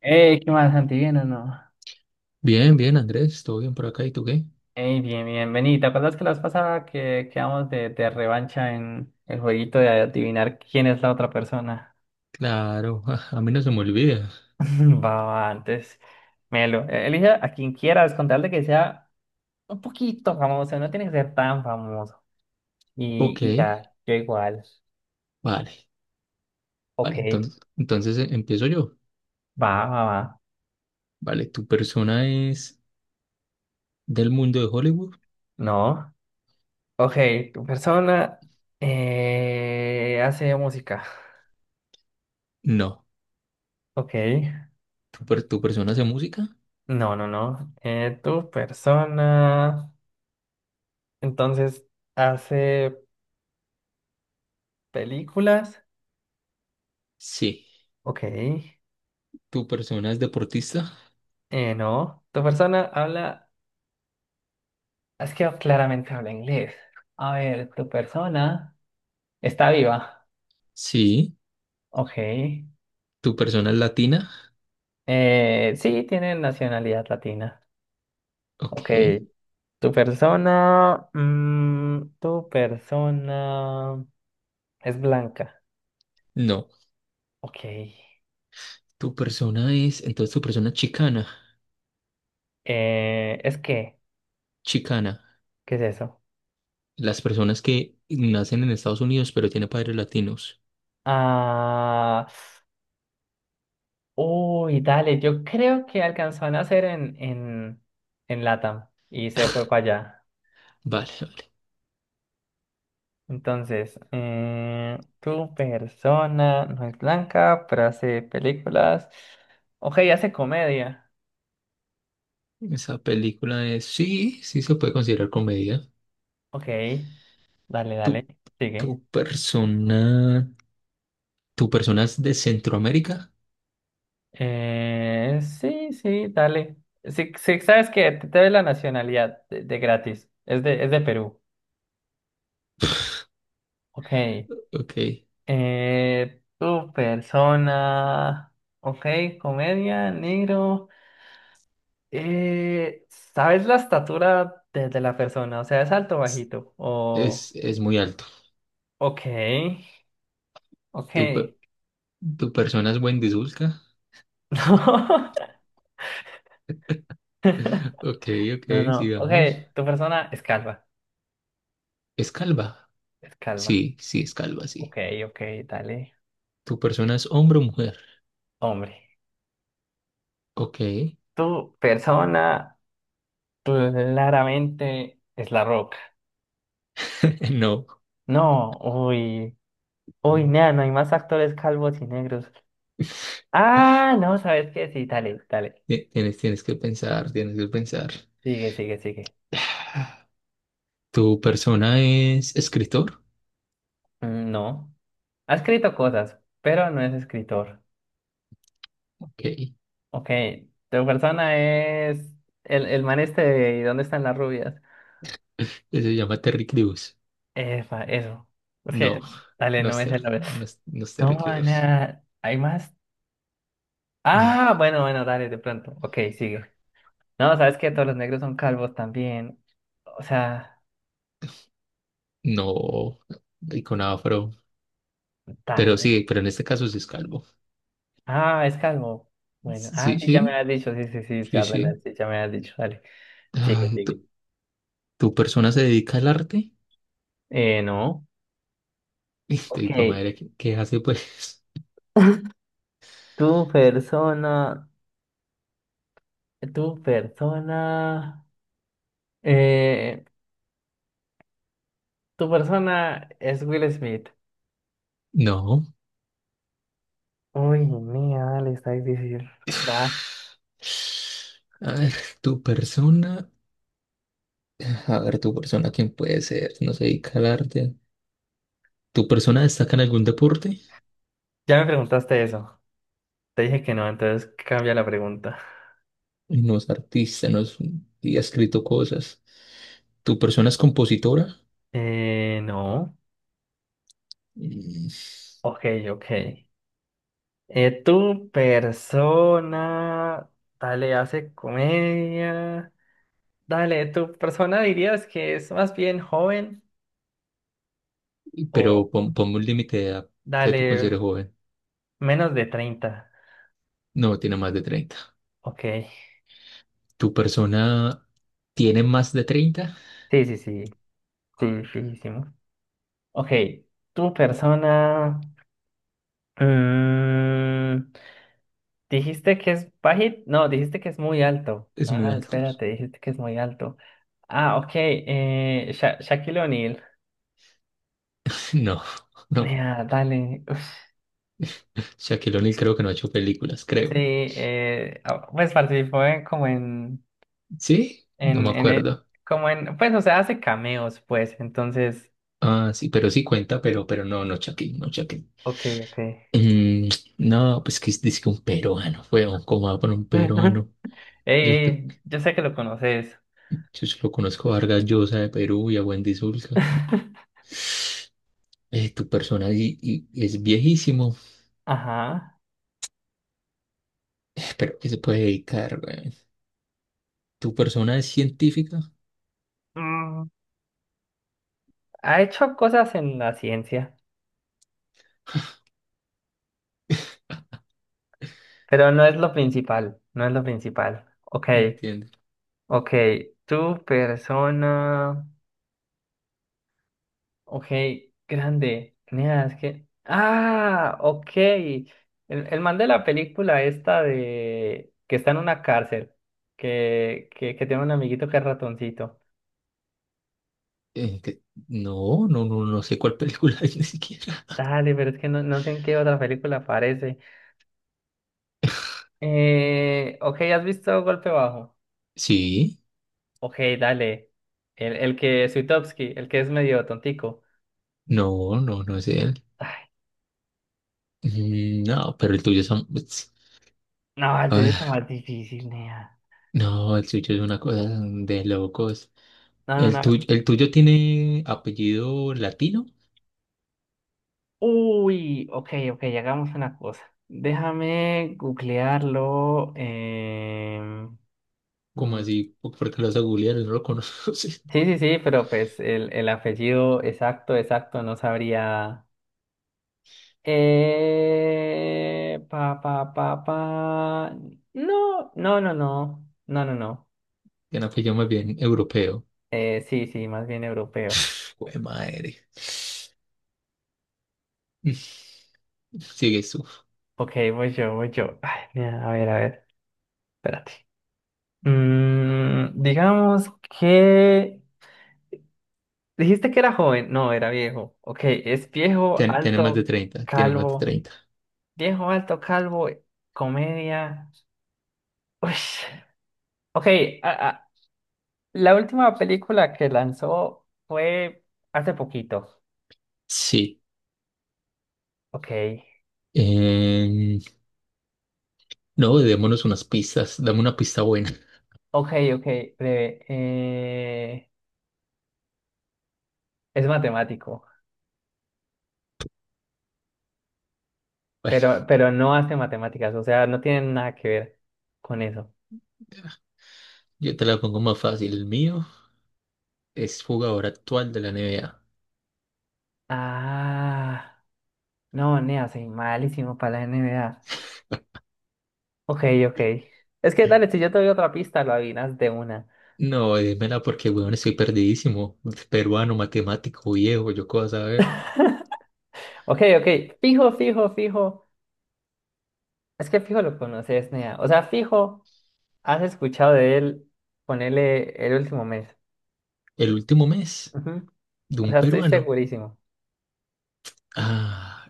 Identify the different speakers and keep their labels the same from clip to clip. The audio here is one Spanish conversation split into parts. Speaker 1: Ey, ¿qué más, Santi? ¿Bien o no?
Speaker 2: Bien, bien, Andrés, todo bien por acá, ¿y tú qué?
Speaker 1: Ey, bien, bien, vení. ¿Te acuerdas que la vez pasada que quedamos de revancha en el jueguito de adivinar quién es la otra persona?
Speaker 2: Claro, a mí no se me olvida.
Speaker 1: Va, va, antes. Melo, elige a quien quieras, con tal de que sea un poquito famoso, no tiene que ser tan famoso. Y,
Speaker 2: Ok,
Speaker 1: y ya, yo igual.
Speaker 2: vale,
Speaker 1: Ok,
Speaker 2: vale, entonces, entonces empiezo yo.
Speaker 1: va, va, va.
Speaker 2: Vale, ¿tu persona es del mundo de Hollywood?
Speaker 1: No. Ok, tu persona hace música.
Speaker 2: No.
Speaker 1: Ok.
Speaker 2: Tu persona hace música?
Speaker 1: No, no, no. Tu persona. Entonces, hace películas.
Speaker 2: Sí.
Speaker 1: Ok.
Speaker 2: ¿Tu persona es deportista?
Speaker 1: No. Tu persona habla. Es que claramente habla inglés. A ver, tu persona está viva.
Speaker 2: Sí.
Speaker 1: Ok.
Speaker 2: ¿Tu persona es latina?
Speaker 1: Sí, tiene nacionalidad latina. Ok.
Speaker 2: Ok,
Speaker 1: Tu persona. Mm, tu persona es blanca.
Speaker 2: no.
Speaker 1: Ok.
Speaker 2: ¿Tu persona es, entonces tu persona es chicana?
Speaker 1: ¿Es qué?
Speaker 2: Chicana.
Speaker 1: ¿Qué es eso?
Speaker 2: Las personas que nacen en Estados Unidos pero tienen padres latinos.
Speaker 1: Ah. Uy, dale, yo creo que alcanzó a nacer en LATAM y se fue para allá.
Speaker 2: Vale.
Speaker 1: Entonces, tu persona no es blanca, pero hace películas. Ok, hace comedia.
Speaker 2: Esa película es, sí, sí se puede considerar comedia.
Speaker 1: Ok, dale,
Speaker 2: Tu,
Speaker 1: dale,
Speaker 2: tu
Speaker 1: sigue.
Speaker 2: persona, tu persona es de Centroamérica,
Speaker 1: Sí, sí, dale. Sí, sí, sabes que te doy la nacionalidad de gratis. Es de Perú. Ok.
Speaker 2: ok,
Speaker 1: Tu persona, ok, comedia, negro. ¿Sabes la estatura de la persona? O sea, ¿es alto o bajito? O,
Speaker 2: es muy alto.
Speaker 1: ok,
Speaker 2: Tu, pe-
Speaker 1: ok.
Speaker 2: Tu persona es Wendisulca, ok,
Speaker 1: No, no,
Speaker 2: ok,
Speaker 1: no, ok,
Speaker 2: sigamos.
Speaker 1: tu persona es calva,
Speaker 2: Es calva,
Speaker 1: es calva.
Speaker 2: sí, sí, es calva, sí.
Speaker 1: Ok, ok, dale,
Speaker 2: ¿Tu persona es hombre o mujer?
Speaker 1: hombre.
Speaker 2: Ok,
Speaker 1: Tu persona claramente es la roca.
Speaker 2: no.
Speaker 1: No, uy, uy, nada, no hay más actores calvos y negros. Ah, no, ¿sabes qué? Sí, dale, dale.
Speaker 2: Tienes, tienes que pensar, tienes que pensar.
Speaker 1: Sigue, sigue, sigue.
Speaker 2: ¿Tu persona es escritor?
Speaker 1: Mm, no. Ha escrito cosas, pero no es escritor.
Speaker 2: Ok,
Speaker 1: Ok, tu persona es el man este de ¿Y dónde están las rubias?
Speaker 2: se llama Terry Crews.
Speaker 1: Efa, eso. Es
Speaker 2: No,
Speaker 1: que, dale,
Speaker 2: no
Speaker 1: no
Speaker 2: es,
Speaker 1: es el nombre.
Speaker 2: no es, no es
Speaker 1: No,
Speaker 2: terriqueos.
Speaker 1: mana, ¿hay más? Ah,
Speaker 2: Eh,
Speaker 1: bueno, bueno, dale, de pronto. Ok, sigue. No, ¿sabes qué? Todos los negros son calvos también. O sea,
Speaker 2: no, con afro. Pero
Speaker 1: dale.
Speaker 2: sí, pero en este caso sí es calvo.
Speaker 1: Ah, es calvo. Bueno, ah,
Speaker 2: Sí,
Speaker 1: sí, ya me
Speaker 2: sí,
Speaker 1: has dicho, sí, sí, sí,
Speaker 2: sí,
Speaker 1: ya, dale, dale,
Speaker 2: sí.
Speaker 1: sí, ya me has dicho, dale. Sigue,
Speaker 2: Ay,
Speaker 1: sigue.
Speaker 2: ¿tu, tu persona se dedica al arte?
Speaker 1: No.
Speaker 2: Y te
Speaker 1: Ok.
Speaker 2: digo, madre, ¿qué, qué hace pues?
Speaker 1: Tu persona. Tu persona. Eh, tu persona es Will Smith.
Speaker 2: No.
Speaker 1: Uy, mía, dale, está difícil. Va.
Speaker 2: A ver, tu persona. A ver, tu persona, ¿quién puede ser? No se dedica al arte. ¿Tu persona destaca en algún deporte?
Speaker 1: Ya me preguntaste eso. Te dije que no, entonces cambia la pregunta.
Speaker 2: No es artista, no es, y ha escrito cosas. ¿Tu persona es compositora?
Speaker 1: No.
Speaker 2: Mm.
Speaker 1: Ok, ok. Tu persona. Dale, hace comedia. Dale, tu persona dirías que es más bien joven o
Speaker 2: Pero ponme un límite de edad que tú
Speaker 1: dale.
Speaker 2: consideres joven.
Speaker 1: Menos de 30.
Speaker 2: No, tiene más de 30.
Speaker 1: Ok.
Speaker 2: ¿Tu persona tiene más de 30?
Speaker 1: Sí, sí, sí. Sí, fijísimo. Ok. Tu persona. Mm, dijiste que es bajito. No, dijiste que es muy alto.
Speaker 2: Es muy
Speaker 1: Ah,
Speaker 2: alto.
Speaker 1: espérate, dijiste que es muy alto. Ah, ok. Shaquille O'Neal.
Speaker 2: No, no.
Speaker 1: Ya, dale. Uf,
Speaker 2: Shaquille O'Neal creo que no ha hecho películas,
Speaker 1: sí,
Speaker 2: creo.
Speaker 1: ah, pues participó en, como
Speaker 2: ¿Sí? No me
Speaker 1: en,
Speaker 2: acuerdo.
Speaker 1: como en, pues, o sea, hace cameos, pues, entonces,
Speaker 2: Ah, sí, pero sí cuenta, pero no, no Shaquille, no Shaquille.
Speaker 1: ok, ok.
Speaker 2: Mm, no, pues que es dice un peruano, fue oh, ¿cómo va por un peruano?
Speaker 1: Ey,
Speaker 2: Yo, pe-
Speaker 1: ey, yo sé que lo conoces.
Speaker 2: yo solo conozco a Vargas Llosa de Perú y a Wendy Zulka. Tu persona y es viejísimo.
Speaker 1: Ajá.
Speaker 2: ¿Pero que se puede dedicar, güey? ¿Tu persona es científica?
Speaker 1: Mm, ha hecho cosas en la ciencia, pero no es lo principal, no es lo principal. Ok,
Speaker 2: Entiendo.
Speaker 1: ok. Tu persona. Ok, grande. Mira, es que. Ah, ok. El man de la película esta de que está en una cárcel, que tiene un amiguito que es ratoncito.
Speaker 2: Eh, que- no, no, no, no sé cuál película es ni siquiera.
Speaker 1: Dale, pero es que no, no sé en qué otra película aparece. Ok, ¿has visto Golpe Bajo?
Speaker 2: Sí,
Speaker 1: Ok, dale. El que Swiatowski, el que es medio tontico.
Speaker 2: no, no, no es él.
Speaker 1: Ay,
Speaker 2: Mm, no, pero el tuyo es un- es-
Speaker 1: no, el
Speaker 2: a
Speaker 1: tuyo está
Speaker 2: ver,
Speaker 1: más difícil, nea.
Speaker 2: no, el tuyo es una cosa de locos.
Speaker 1: No, no, no.
Speaker 2: El tuyo tiene apellido latino?
Speaker 1: Uy, ok, ok, hagamos una cosa. Déjame googlearlo.
Speaker 2: ¿Cómo
Speaker 1: Mm,
Speaker 2: así? Por qué lo vas a googlear? No lo conoces.
Speaker 1: sí, sí, sí, pero pues el apellido exacto, exacto, no sabría. Pa, pa, pa, pa. No, no, no, no. No, no, no.
Speaker 2: Tiene apellido más bien europeo.
Speaker 1: Sí, sí, más bien europeo.
Speaker 2: Jue madre. Mm. Sigues tú.
Speaker 1: Ok, voy yo, voy yo. Ay, mira, a ver, espérate. Mm, digamos que... Dijiste que era joven. No, era viejo. Ok, es viejo,
Speaker 2: Tiene más
Speaker 1: alto,
Speaker 2: de treinta tiene más de
Speaker 1: calvo.
Speaker 2: treinta
Speaker 1: Viejo, alto, calvo, comedia. Uy. Ok, a- a- la última película que lanzó fue hace poquito.
Speaker 2: Sí.
Speaker 1: Ok,
Speaker 2: Em, no, démonos unas pistas. Dame una pista buena.
Speaker 1: ok, ok, breve. Es matemático,
Speaker 2: Bueno,
Speaker 1: pero no hace matemáticas, o sea, no tiene nada que ver con eso.
Speaker 2: yo te la pongo más fácil. El mío es jugador actual de la NBA.
Speaker 1: Ah, no, nea, soy malísimo para la N. NBA. Ok, ok. Es que dale, si yo te doy otra pista, lo adivinas de una.
Speaker 2: No, dímela porque, weón, estoy perdidísimo. Peruano, matemático, viejo, yo qué vas a ver.
Speaker 1: Ok, ok. Fijo, fijo, fijo. Es que fijo lo conoces, nea. O sea, fijo, has escuchado de él, ponele el último mes.
Speaker 2: El último mes
Speaker 1: Ujú.
Speaker 2: de
Speaker 1: O
Speaker 2: un
Speaker 1: sea, estoy
Speaker 2: peruano.
Speaker 1: segurísimo.
Speaker 2: Ah,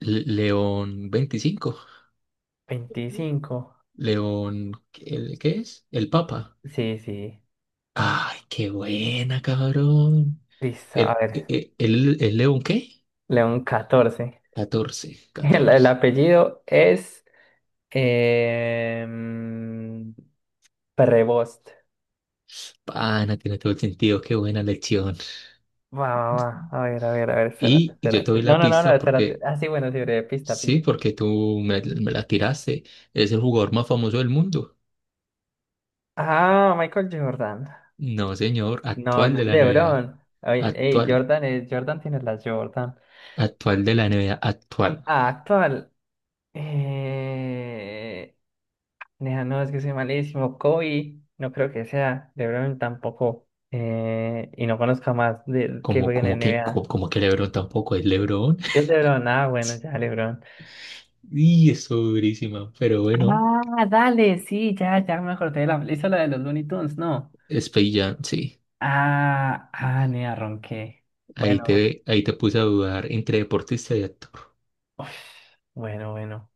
Speaker 2: León 25.
Speaker 1: Veinticinco.
Speaker 2: León, ¿el qué es? El Papa.
Speaker 1: Sí, sí.
Speaker 2: Ay, qué buena, cabrón.
Speaker 1: Listo, a ver.
Speaker 2: El León qué?
Speaker 1: León 14.
Speaker 2: 14,
Speaker 1: El
Speaker 2: 14.
Speaker 1: apellido es... em, Prevost.
Speaker 2: Pana, tiene todo el sentido, qué buena lección.
Speaker 1: Va, va, va. A ver, a ver, a ver, espérate,
Speaker 2: Yo te
Speaker 1: espérate.
Speaker 2: doy
Speaker 1: No,
Speaker 2: la
Speaker 1: no, no, no,
Speaker 2: pista
Speaker 1: espérate.
Speaker 2: porque,
Speaker 1: Ah, sí, bueno, sí, breve, pista,
Speaker 2: sí,
Speaker 1: pista.
Speaker 2: porque tú me la tiraste. Es el jugador más famoso del mundo.
Speaker 1: Ah, Michael Jordan.
Speaker 2: No, señor,
Speaker 1: No,
Speaker 2: actual
Speaker 1: no es
Speaker 2: de la NBA.
Speaker 1: LeBron. Ay, ey,
Speaker 2: Actual,
Speaker 1: Jordan es, Jordan tiene las Jordan.
Speaker 2: actual de la NBA, actual.
Speaker 1: Ah, actual. Eh... Nea, no, es que soy malísimo. Kobe, no creo que sea. LeBron tampoco. Y no conozco más de que jueguen en NBA.
Speaker 2: Como, que LeBron tampoco es LeBron.
Speaker 1: Si es LeBron, ah, bueno, ya LeBron.
Speaker 2: Y eso durísima, pero bueno,
Speaker 1: Ah, dale, sí, ya, ya me acordé de la... Hizo la de los Looney Tunes, ¿no?
Speaker 2: es Space Jam, sí.
Speaker 1: Ah, ah, nea, ronqué. Bueno,
Speaker 2: Ahí te puse a dudar entre deportista y actor.
Speaker 1: uf, bueno, bueno.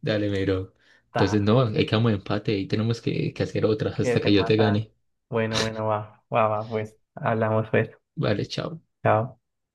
Speaker 2: Dale, mero.
Speaker 1: Ta,
Speaker 2: Entonces, no, ahí quedamos de empate. Ahí tenemos que hacer otra
Speaker 1: que
Speaker 2: hasta
Speaker 1: te
Speaker 2: que yo te
Speaker 1: mata.
Speaker 2: gane.
Speaker 1: Bueno, bueno, va, va, va, pues. Hablamos pues.
Speaker 2: Vale, chao.
Speaker 1: Chao.